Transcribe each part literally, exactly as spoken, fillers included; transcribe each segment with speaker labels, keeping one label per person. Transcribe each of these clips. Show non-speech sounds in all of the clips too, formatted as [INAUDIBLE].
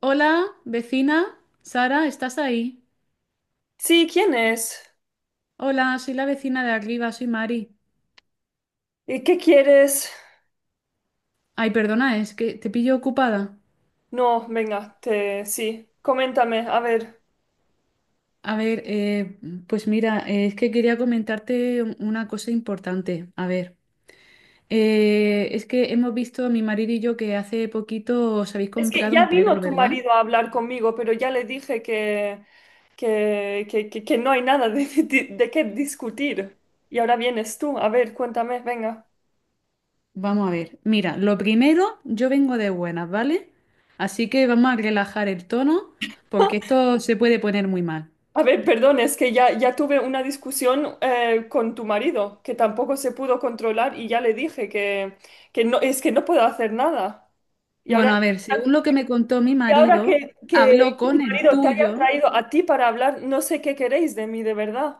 Speaker 1: Hola, vecina. Sara, ¿estás ahí?
Speaker 2: Sí, ¿quién es?
Speaker 1: Hola, soy la vecina de arriba, soy Mari.
Speaker 2: ¿Y qué quieres?
Speaker 1: Ay, perdona, es que te pillo ocupada.
Speaker 2: No, venga, te... sí, coméntame, a ver.
Speaker 1: A ver, eh, pues mira, eh, es que quería comentarte un- una cosa importante. A ver, eh, es que hemos visto mi marido y yo que hace poquito os habéis
Speaker 2: Es que
Speaker 1: comprado
Speaker 2: ya
Speaker 1: un
Speaker 2: vino
Speaker 1: perro,
Speaker 2: tu
Speaker 1: ¿verdad?
Speaker 2: marido a hablar conmigo, pero ya le dije que, que, que, que- que no hay nada de, [LAUGHS] de, de qué discutir. Y ahora vienes tú, a ver, cuéntame, venga.
Speaker 1: Vamos a ver. Mira, lo primero, yo vengo de buenas, ¿vale? Así que vamos a relajar el tono porque
Speaker 2: [LAUGHS]
Speaker 1: esto se puede poner muy mal.
Speaker 2: A ver, perdón, es que ya, ya tuve una discusión eh, con tu marido, que tampoco se pudo controlar y ya le dije que, que no, es que no puedo hacer nada. Y ahora
Speaker 1: Bueno, a ver, según lo que me contó mi
Speaker 2: Y ahora
Speaker 1: marido,
Speaker 2: que,
Speaker 1: habló
Speaker 2: que tu
Speaker 1: con el
Speaker 2: marido te haya
Speaker 1: tuyo.
Speaker 2: traído a ti para hablar, no sé qué queréis de mí, de verdad.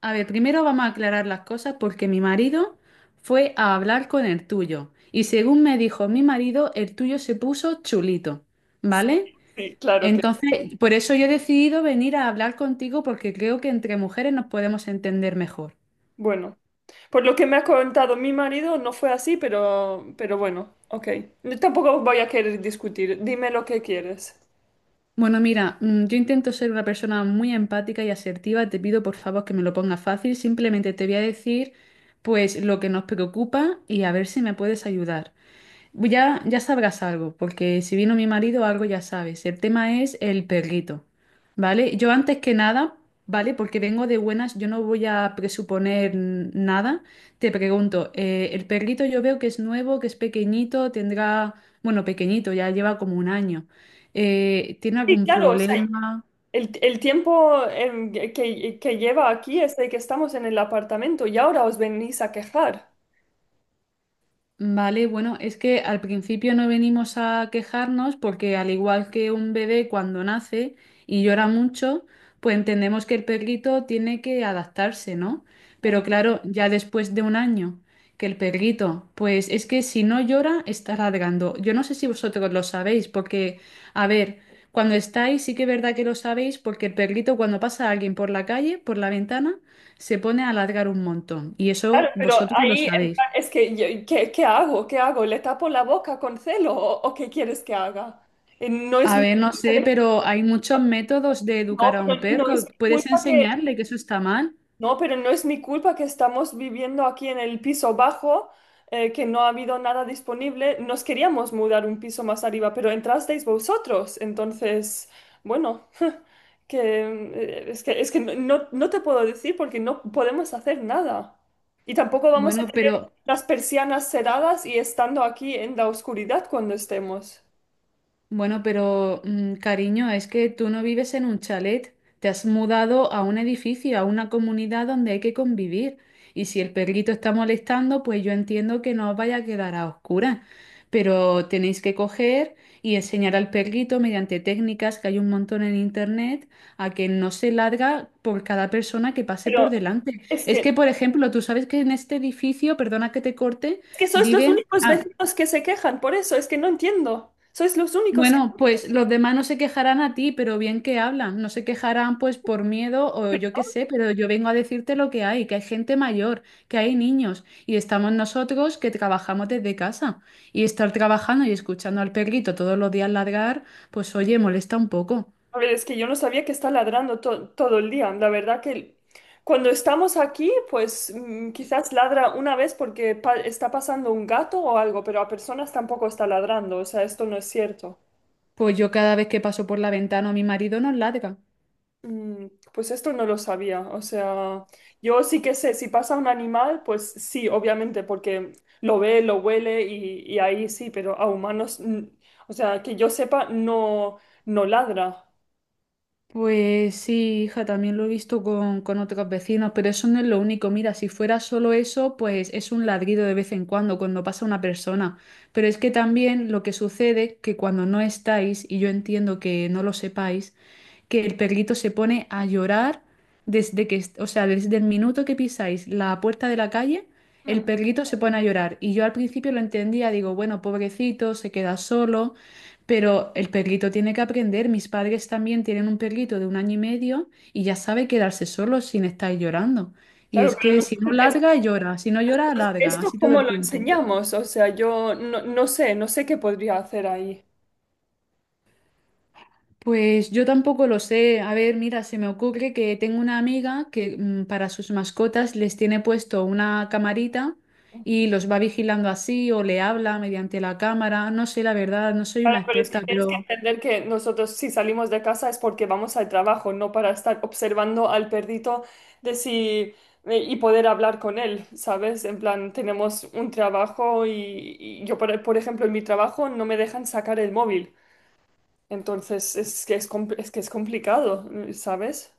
Speaker 1: A ver, primero vamos a aclarar las cosas porque mi marido fue a hablar con el tuyo. Y según me dijo mi marido, el tuyo se puso chulito, ¿vale?
Speaker 2: Sí, claro que.
Speaker 1: Entonces, por eso yo he decidido venir a hablar contigo porque creo que entre mujeres nos podemos entender mejor.
Speaker 2: Bueno, por lo que me ha contado mi marido, no fue así, pero, pero bueno, ok. Yo tampoco voy a querer discutir. Dime lo que quieres.
Speaker 1: Bueno, mira, mm, yo intento ser una persona muy empática y asertiva. Te pido por favor que me lo pongas fácil. Simplemente te voy a decir pues lo que nos preocupa y a ver si me puedes ayudar. Ya, ya sabrás algo, porque si vino mi marido, algo ya sabes. El tema es el perrito, ¿vale? Yo antes que nada, ¿vale? Porque vengo de buenas, yo no voy a presuponer n- nada. Te pregunto, eh, el perrito yo veo que es nuevo, que es pequeñito, tendrá, bueno, pequeñito, ya lleva como un año. Eh, ¿tiene
Speaker 2: Sí,
Speaker 1: algún
Speaker 2: claro, o sea,
Speaker 1: problema?
Speaker 2: el, el tiempo em, que, que lleva aquí es de que estamos en el apartamento y ahora os venís a quejar.
Speaker 1: Vale, bueno, es que al principio no venimos a quejarnos porque al igual que un bebé cuando nace y llora mucho, pues entendemos que el perrito tiene que adaptarse, ¿no? Pero claro, ya después de un año que el perrito, pues es que si no llora, está ladrando. Yo no sé si vosotros lo sabéis porque, a ver, cuando estáis sí que es verdad que lo sabéis porque el perrito cuando pasa a alguien por la calle, por la ventana, se pone a ladrar un montón y
Speaker 2: Claro,
Speaker 1: eso
Speaker 2: pero
Speaker 1: vosotros lo
Speaker 2: ahí en
Speaker 1: sabéis.
Speaker 2: plan, es que, yo- ¿qué, qué hago? ¿Qué hago? ¿Le tapo la boca con celo o, o qué quieres que haga? Eh, no es
Speaker 1: A
Speaker 2: mi
Speaker 1: ver, no
Speaker 2: culpa
Speaker 1: sé,
Speaker 2: de-
Speaker 1: pero hay muchos métodos de
Speaker 2: no,
Speaker 1: educar a un
Speaker 2: pero no es
Speaker 1: perro.
Speaker 2: mi
Speaker 1: Puedes
Speaker 2: culpa que,
Speaker 1: enseñarle que eso está mal.
Speaker 2: no, pero no es mi culpa que estamos viviendo aquí en el piso bajo, eh, que no ha habido nada disponible. Nos queríamos mudar un piso más arriba, pero entrasteis vosotros. Entonces, bueno. Que eh, es que, es que no, no no te puedo decir porque no podemos hacer nada. Y tampoco vamos a
Speaker 1: Bueno,
Speaker 2: tener
Speaker 1: pero
Speaker 2: las persianas cerradas y estando aquí en la oscuridad cuando estemos.
Speaker 1: Bueno, pero mm, cariño, es que tú no vives en un chalet, te has mudado a un edificio, a una comunidad donde hay que convivir. Y si el perrito está molestando, pues yo entiendo que no os vaya a quedar a oscuras, pero tenéis que coger y enseñar al perrito mediante técnicas que hay un montón en internet a que no se larga por cada persona que pase
Speaker 2: Pero
Speaker 1: por delante.
Speaker 2: es
Speaker 1: Es
Speaker 2: que,
Speaker 1: que, por ejemplo, tú sabes que en este edificio, perdona que te corte,
Speaker 2: es que sois los
Speaker 1: viven...
Speaker 2: únicos
Speaker 1: ah,
Speaker 2: vecinos que se quejan, por eso es que no entiendo. Sois los únicos que...
Speaker 1: bueno, pues los demás no se quejarán a ti, pero bien que hablan. No se quejarán pues por miedo o yo qué sé, pero yo vengo a decirte lo que hay, que hay gente mayor, que hay niños y estamos nosotros que trabajamos desde casa. Y estar trabajando y escuchando al perrito todos los días ladrar, pues oye, molesta un poco.
Speaker 2: A ver, es que yo no sabía que está ladrando to- todo el día. La verdad que cuando estamos aquí, pues mm, quizás ladra una vez porque pa- está pasando un gato o algo, pero a personas tampoco está ladrando. O sea, esto no es cierto.
Speaker 1: Pues yo cada vez que paso por la ventana a mi marido nos ladra.
Speaker 2: Mm, pues esto no lo sabía. O sea, yo sí que sé, si pasa un animal, pues sí, obviamente, porque lo ve, lo huele y, y ahí sí, pero a humanos, mm, o sea, que yo sepa, no, no ladra.
Speaker 1: Pues sí, hija, también lo he visto con, con otros vecinos, pero eso no es lo único. Mira, si fuera solo eso, pues es un ladrido de vez en cuando, cuando pasa una persona. Pero es que también lo que sucede, que cuando no estáis, y yo entiendo que no lo sepáis, que el perrito se pone a llorar desde que, o sea, desde el minuto que pisáis la puerta de la calle, el
Speaker 2: Mm,
Speaker 1: perrito se pone a llorar. Y yo al principio lo entendía, digo, bueno, pobrecito, se queda solo, pero el perrito tiene que aprender. Mis padres también tienen un perrito de un año y medio y ya sabe quedarse solo sin estar llorando. Y
Speaker 2: claro,
Speaker 1: es
Speaker 2: pero
Speaker 1: que
Speaker 2: no-
Speaker 1: si no
Speaker 2: es-
Speaker 1: ladra, llora, si no llora, ladra,
Speaker 2: esto
Speaker 1: así todo
Speaker 2: cómo
Speaker 1: el
Speaker 2: lo
Speaker 1: tiempo.
Speaker 2: enseñamos. O sea, yo no, no sé, no sé qué podría hacer ahí.
Speaker 1: Pues yo tampoco lo sé. A ver, mira, se me ocurre que tengo una amiga que mm, para sus mascotas les tiene puesto una camarita y los va vigilando así o le habla mediante la cámara. No sé, la verdad, no soy
Speaker 2: Claro,
Speaker 1: una
Speaker 2: pero es que
Speaker 1: experta,
Speaker 2: tienes que
Speaker 1: pero
Speaker 2: entender que nosotros si salimos de casa es porque vamos al trabajo, no para estar observando al perrito de si eh, y poder hablar con él, ¿sabes? En plan, tenemos un trabajo y, y yo, por, por ejemplo, en mi trabajo no me dejan sacar el móvil. Entonces es que es, compl- es que es complicado, ¿sabes?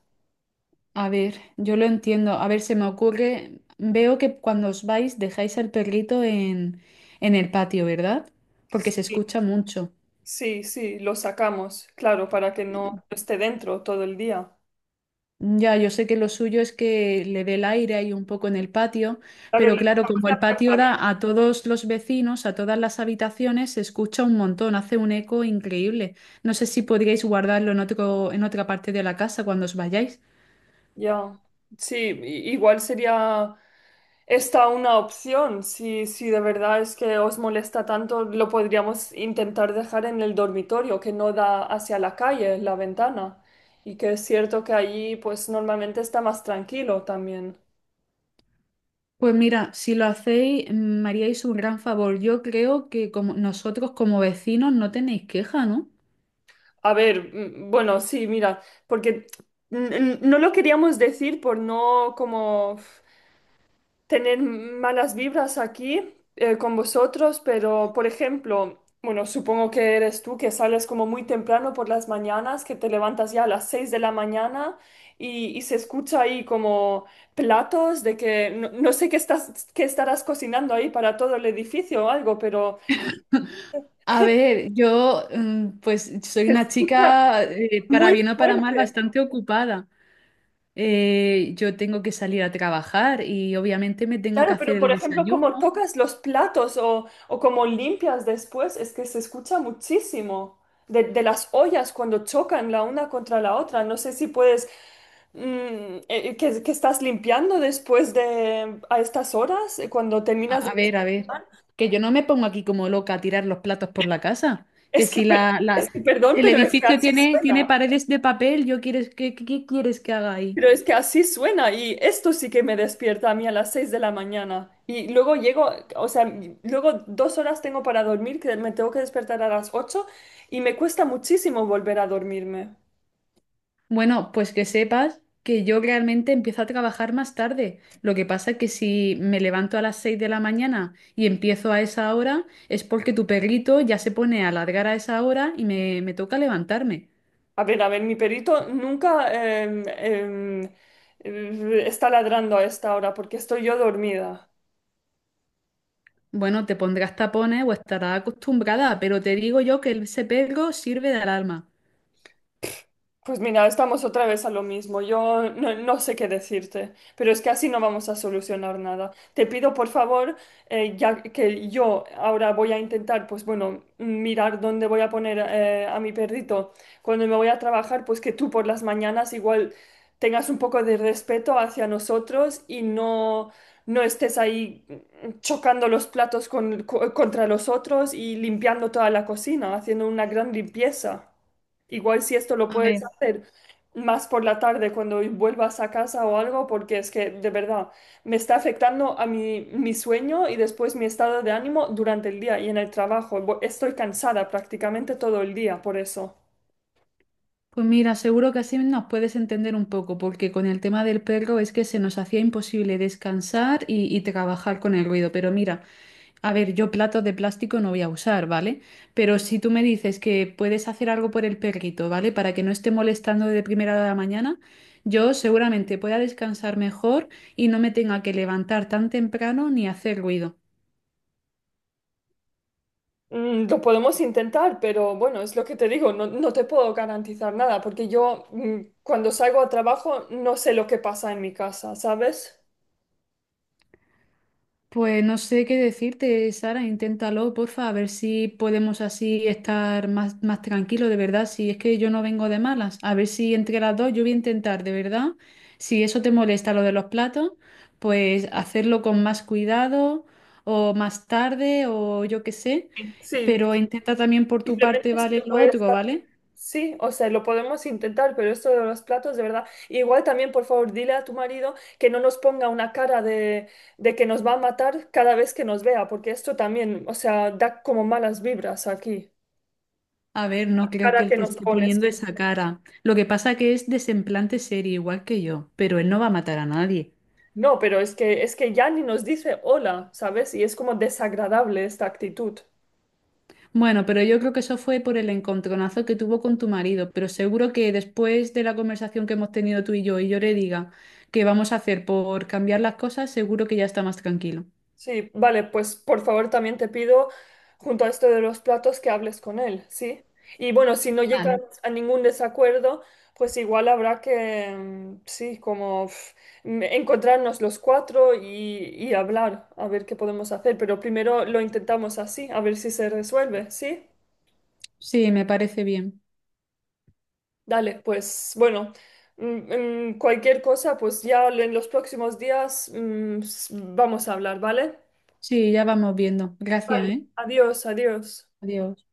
Speaker 1: a ver, yo lo entiendo. A ver, se me ocurre, veo que cuando os vais dejáis al perrito en, en el patio, ¿verdad? Porque se
Speaker 2: Sí,
Speaker 1: escucha mucho.
Speaker 2: sí, sí, lo sacamos, claro, para que no esté dentro todo el día.
Speaker 1: Ya, yo sé que lo suyo es que le dé el aire ahí un poco en el patio,
Speaker 2: Claro, le
Speaker 1: pero claro,
Speaker 2: dejamos
Speaker 1: como
Speaker 2: la
Speaker 1: el
Speaker 2: puerta
Speaker 1: patio
Speaker 2: abierta.
Speaker 1: da a todos los vecinos, a todas las habitaciones, se escucha un montón, hace un eco increíble. No sé si podríais guardarlo en otro, en otra parte de la casa cuando os vayáis.
Speaker 2: Ya, sí, i- igual sería. Está una opción, si, si de verdad es que os molesta tanto, lo podríamos intentar dejar en el dormitorio, que no da hacia la calle, la ventana. Y que es cierto que allí pues normalmente está más tranquilo también.
Speaker 1: Pues mira, si lo hacéis, mm, me haríais un gran favor. Yo creo que como nosotros como vecinos no tenéis queja, ¿no?
Speaker 2: A ver, mm, bueno, sí, mira, porque mm, mm, no lo queríamos decir por no como tener malas vibras aquí eh, con vosotros, pero por ejemplo, bueno, supongo que eres tú que sales como muy temprano por las mañanas, que te levantas ya a las seis de la mañana y, y se escucha ahí como platos de que no, no sé qué estás, qué estarás cocinando ahí para todo el edificio o algo, pero
Speaker 1: A ver, yo mm, pues soy
Speaker 2: se
Speaker 1: una
Speaker 2: escucha
Speaker 1: chica, eh, para
Speaker 2: muy
Speaker 1: bien o para mal,
Speaker 2: fuerte.
Speaker 1: bastante ocupada. Eh, yo tengo que salir a trabajar y obviamente me tengo que
Speaker 2: Claro,
Speaker 1: hacer
Speaker 2: pero
Speaker 1: el
Speaker 2: por ejemplo,
Speaker 1: desayuno.
Speaker 2: como tocas los platos o, o como limpias después, es que se escucha muchísimo de, de las ollas cuando chocan la una contra la otra. No sé si puedes, mm, eh, que, que estás limpiando después de, a estas horas, eh, cuando terminas
Speaker 1: A,
Speaker 2: de
Speaker 1: a ver, a ver,
Speaker 2: desayunar.
Speaker 1: que yo no me pongo aquí como loca a tirar los platos por la casa, que
Speaker 2: Es que,
Speaker 1: si
Speaker 2: per-
Speaker 1: la,
Speaker 2: es
Speaker 1: la-
Speaker 2: que, perdón,
Speaker 1: el
Speaker 2: pero es que
Speaker 1: edificio
Speaker 2: así
Speaker 1: tiene, tiene
Speaker 2: suena.
Speaker 1: paredes de papel, yo quieres, ¿qué, qué- qué quieres que haga ahí?
Speaker 2: Pero es que así suena y esto sí que me despierta a mí a las seis de la mañana. Y luego llego, o sea, luego dos horas tengo para dormir, que me tengo que despertar a las ocho y me cuesta muchísimo volver a dormirme.
Speaker 1: Bueno, pues que sepas que yo realmente empiezo a trabajar más tarde. Lo que pasa es que si me levanto a las seis de la mañana y empiezo a esa hora, es porque tu perrito ya se pone a ladrar a esa hora y me, me toca levantarme.
Speaker 2: A ver, a ver, mi perrito nunca em, em, eh, está ladrando a esta hora porque estoy yo dormida.
Speaker 1: Bueno, te pondrás tapones o estarás acostumbrada, pero te digo yo que ese perro sirve de alarma.
Speaker 2: Pues mira, estamos otra vez a lo mismo. Yo no, no sé qué decirte, pero es que así no vamos a solucionar nada. Te pido, por favor, eh, ya que yo ahora voy a intentar, pues bueno, mirar dónde voy a poner eh, a mi perrito cuando me voy a trabajar, pues que tú por las mañanas igual tengas un poco de respeto hacia nosotros y no, no estés ahí mm, chocando los platos con- co- contra los otros y limpiando toda la cocina, haciendo una gran limpieza. Igual si esto lo
Speaker 1: A
Speaker 2: puedes
Speaker 1: ver,
Speaker 2: hacer más por la tarde cuando vuelvas a casa o algo, porque es que de verdad me está afectando a mi, mi sueño y después mi estado de ánimo durante el día y en el trabajo. Bo- Estoy cansada prácticamente todo el día por eso.
Speaker 1: pues mira, seguro que así nos puedes entender un poco, porque con el tema del perro es que se nos hacía imposible descansar y, y trabajar con el ruido. Pero mira, a ver, yo platos de plástico no voy a usar, ¿vale? Pero si tú me dices que puedes hacer algo por el perrito, ¿vale? Para que no esté molestando de primera hora de la mañana, yo seguramente pueda descansar mejor y no me tenga que levantar tan temprano ni hacer ruido.
Speaker 2: Mm, lo podemos intentar, pero bueno, es lo que te digo, no, no te puedo garantizar nada, porque yo mm, cuando salgo a trabajo no sé lo que pasa en mi casa, ¿sabes?
Speaker 1: Pues no sé qué decirte, Sara, inténtalo, porfa, a ver si podemos así estar más, más tranquilos, de verdad, si es que yo no vengo de malas, a ver si entre las dos yo voy a intentar, de verdad, si eso te molesta lo de los platos, pues hacerlo con más cuidado o más tarde o yo qué sé,
Speaker 2: Sí,
Speaker 1: pero intenta también por tu parte,
Speaker 2: simplemente si
Speaker 1: ¿vale?
Speaker 2: lo
Speaker 1: Lo
Speaker 2: puedes
Speaker 1: otro, ¿vale?
Speaker 2: sí, o sea, lo podemos intentar, pero esto de los platos, de verdad. Igual también, por favor, dile a tu marido que no nos ponga una cara de, de que nos va a matar cada vez que nos vea, porque esto también, o sea, da como malas vibras aquí.
Speaker 1: A ver, no
Speaker 2: La
Speaker 1: creo que
Speaker 2: cara
Speaker 1: él
Speaker 2: que
Speaker 1: te
Speaker 2: nos
Speaker 1: esté
Speaker 2: pones.
Speaker 1: poniendo esa cara. Lo que pasa que es desemplante serio, igual que yo, pero él no va a matar a nadie.
Speaker 2: No, pero es que, es que ya ni nos dice hola, ¿sabes? Y es como desagradable esta actitud.
Speaker 1: Bueno, pero yo creo que eso fue por el encontronazo que tuvo con tu marido, pero seguro que después de la conversación que hemos tenido tú y yo y yo le diga que vamos a hacer por cambiar las cosas, seguro que ya está más tranquilo.
Speaker 2: Sí, vale, pues por favor también te pido, junto a esto de los platos, que hables con él, ¿sí? Y bueno, si no llegan
Speaker 1: Vale.
Speaker 2: a ningún desacuerdo, pues igual habrá que, mm, sí, como pf, mm, encontrarnos los cuatro y, y hablar, a ver qué podemos hacer, pero primero lo intentamos así, a ver si se resuelve, ¿sí?
Speaker 1: Sí, me parece bien.
Speaker 2: Dale, pues bueno, mm, mm, cualquier cosa, pues ya en los próximos días, mm, s- vamos a hablar, ¿vale?
Speaker 1: Sí, ya vamos viendo. Gracias,
Speaker 2: Vale,
Speaker 1: ¿eh?
Speaker 2: adiós, adiós.
Speaker 1: Adiós.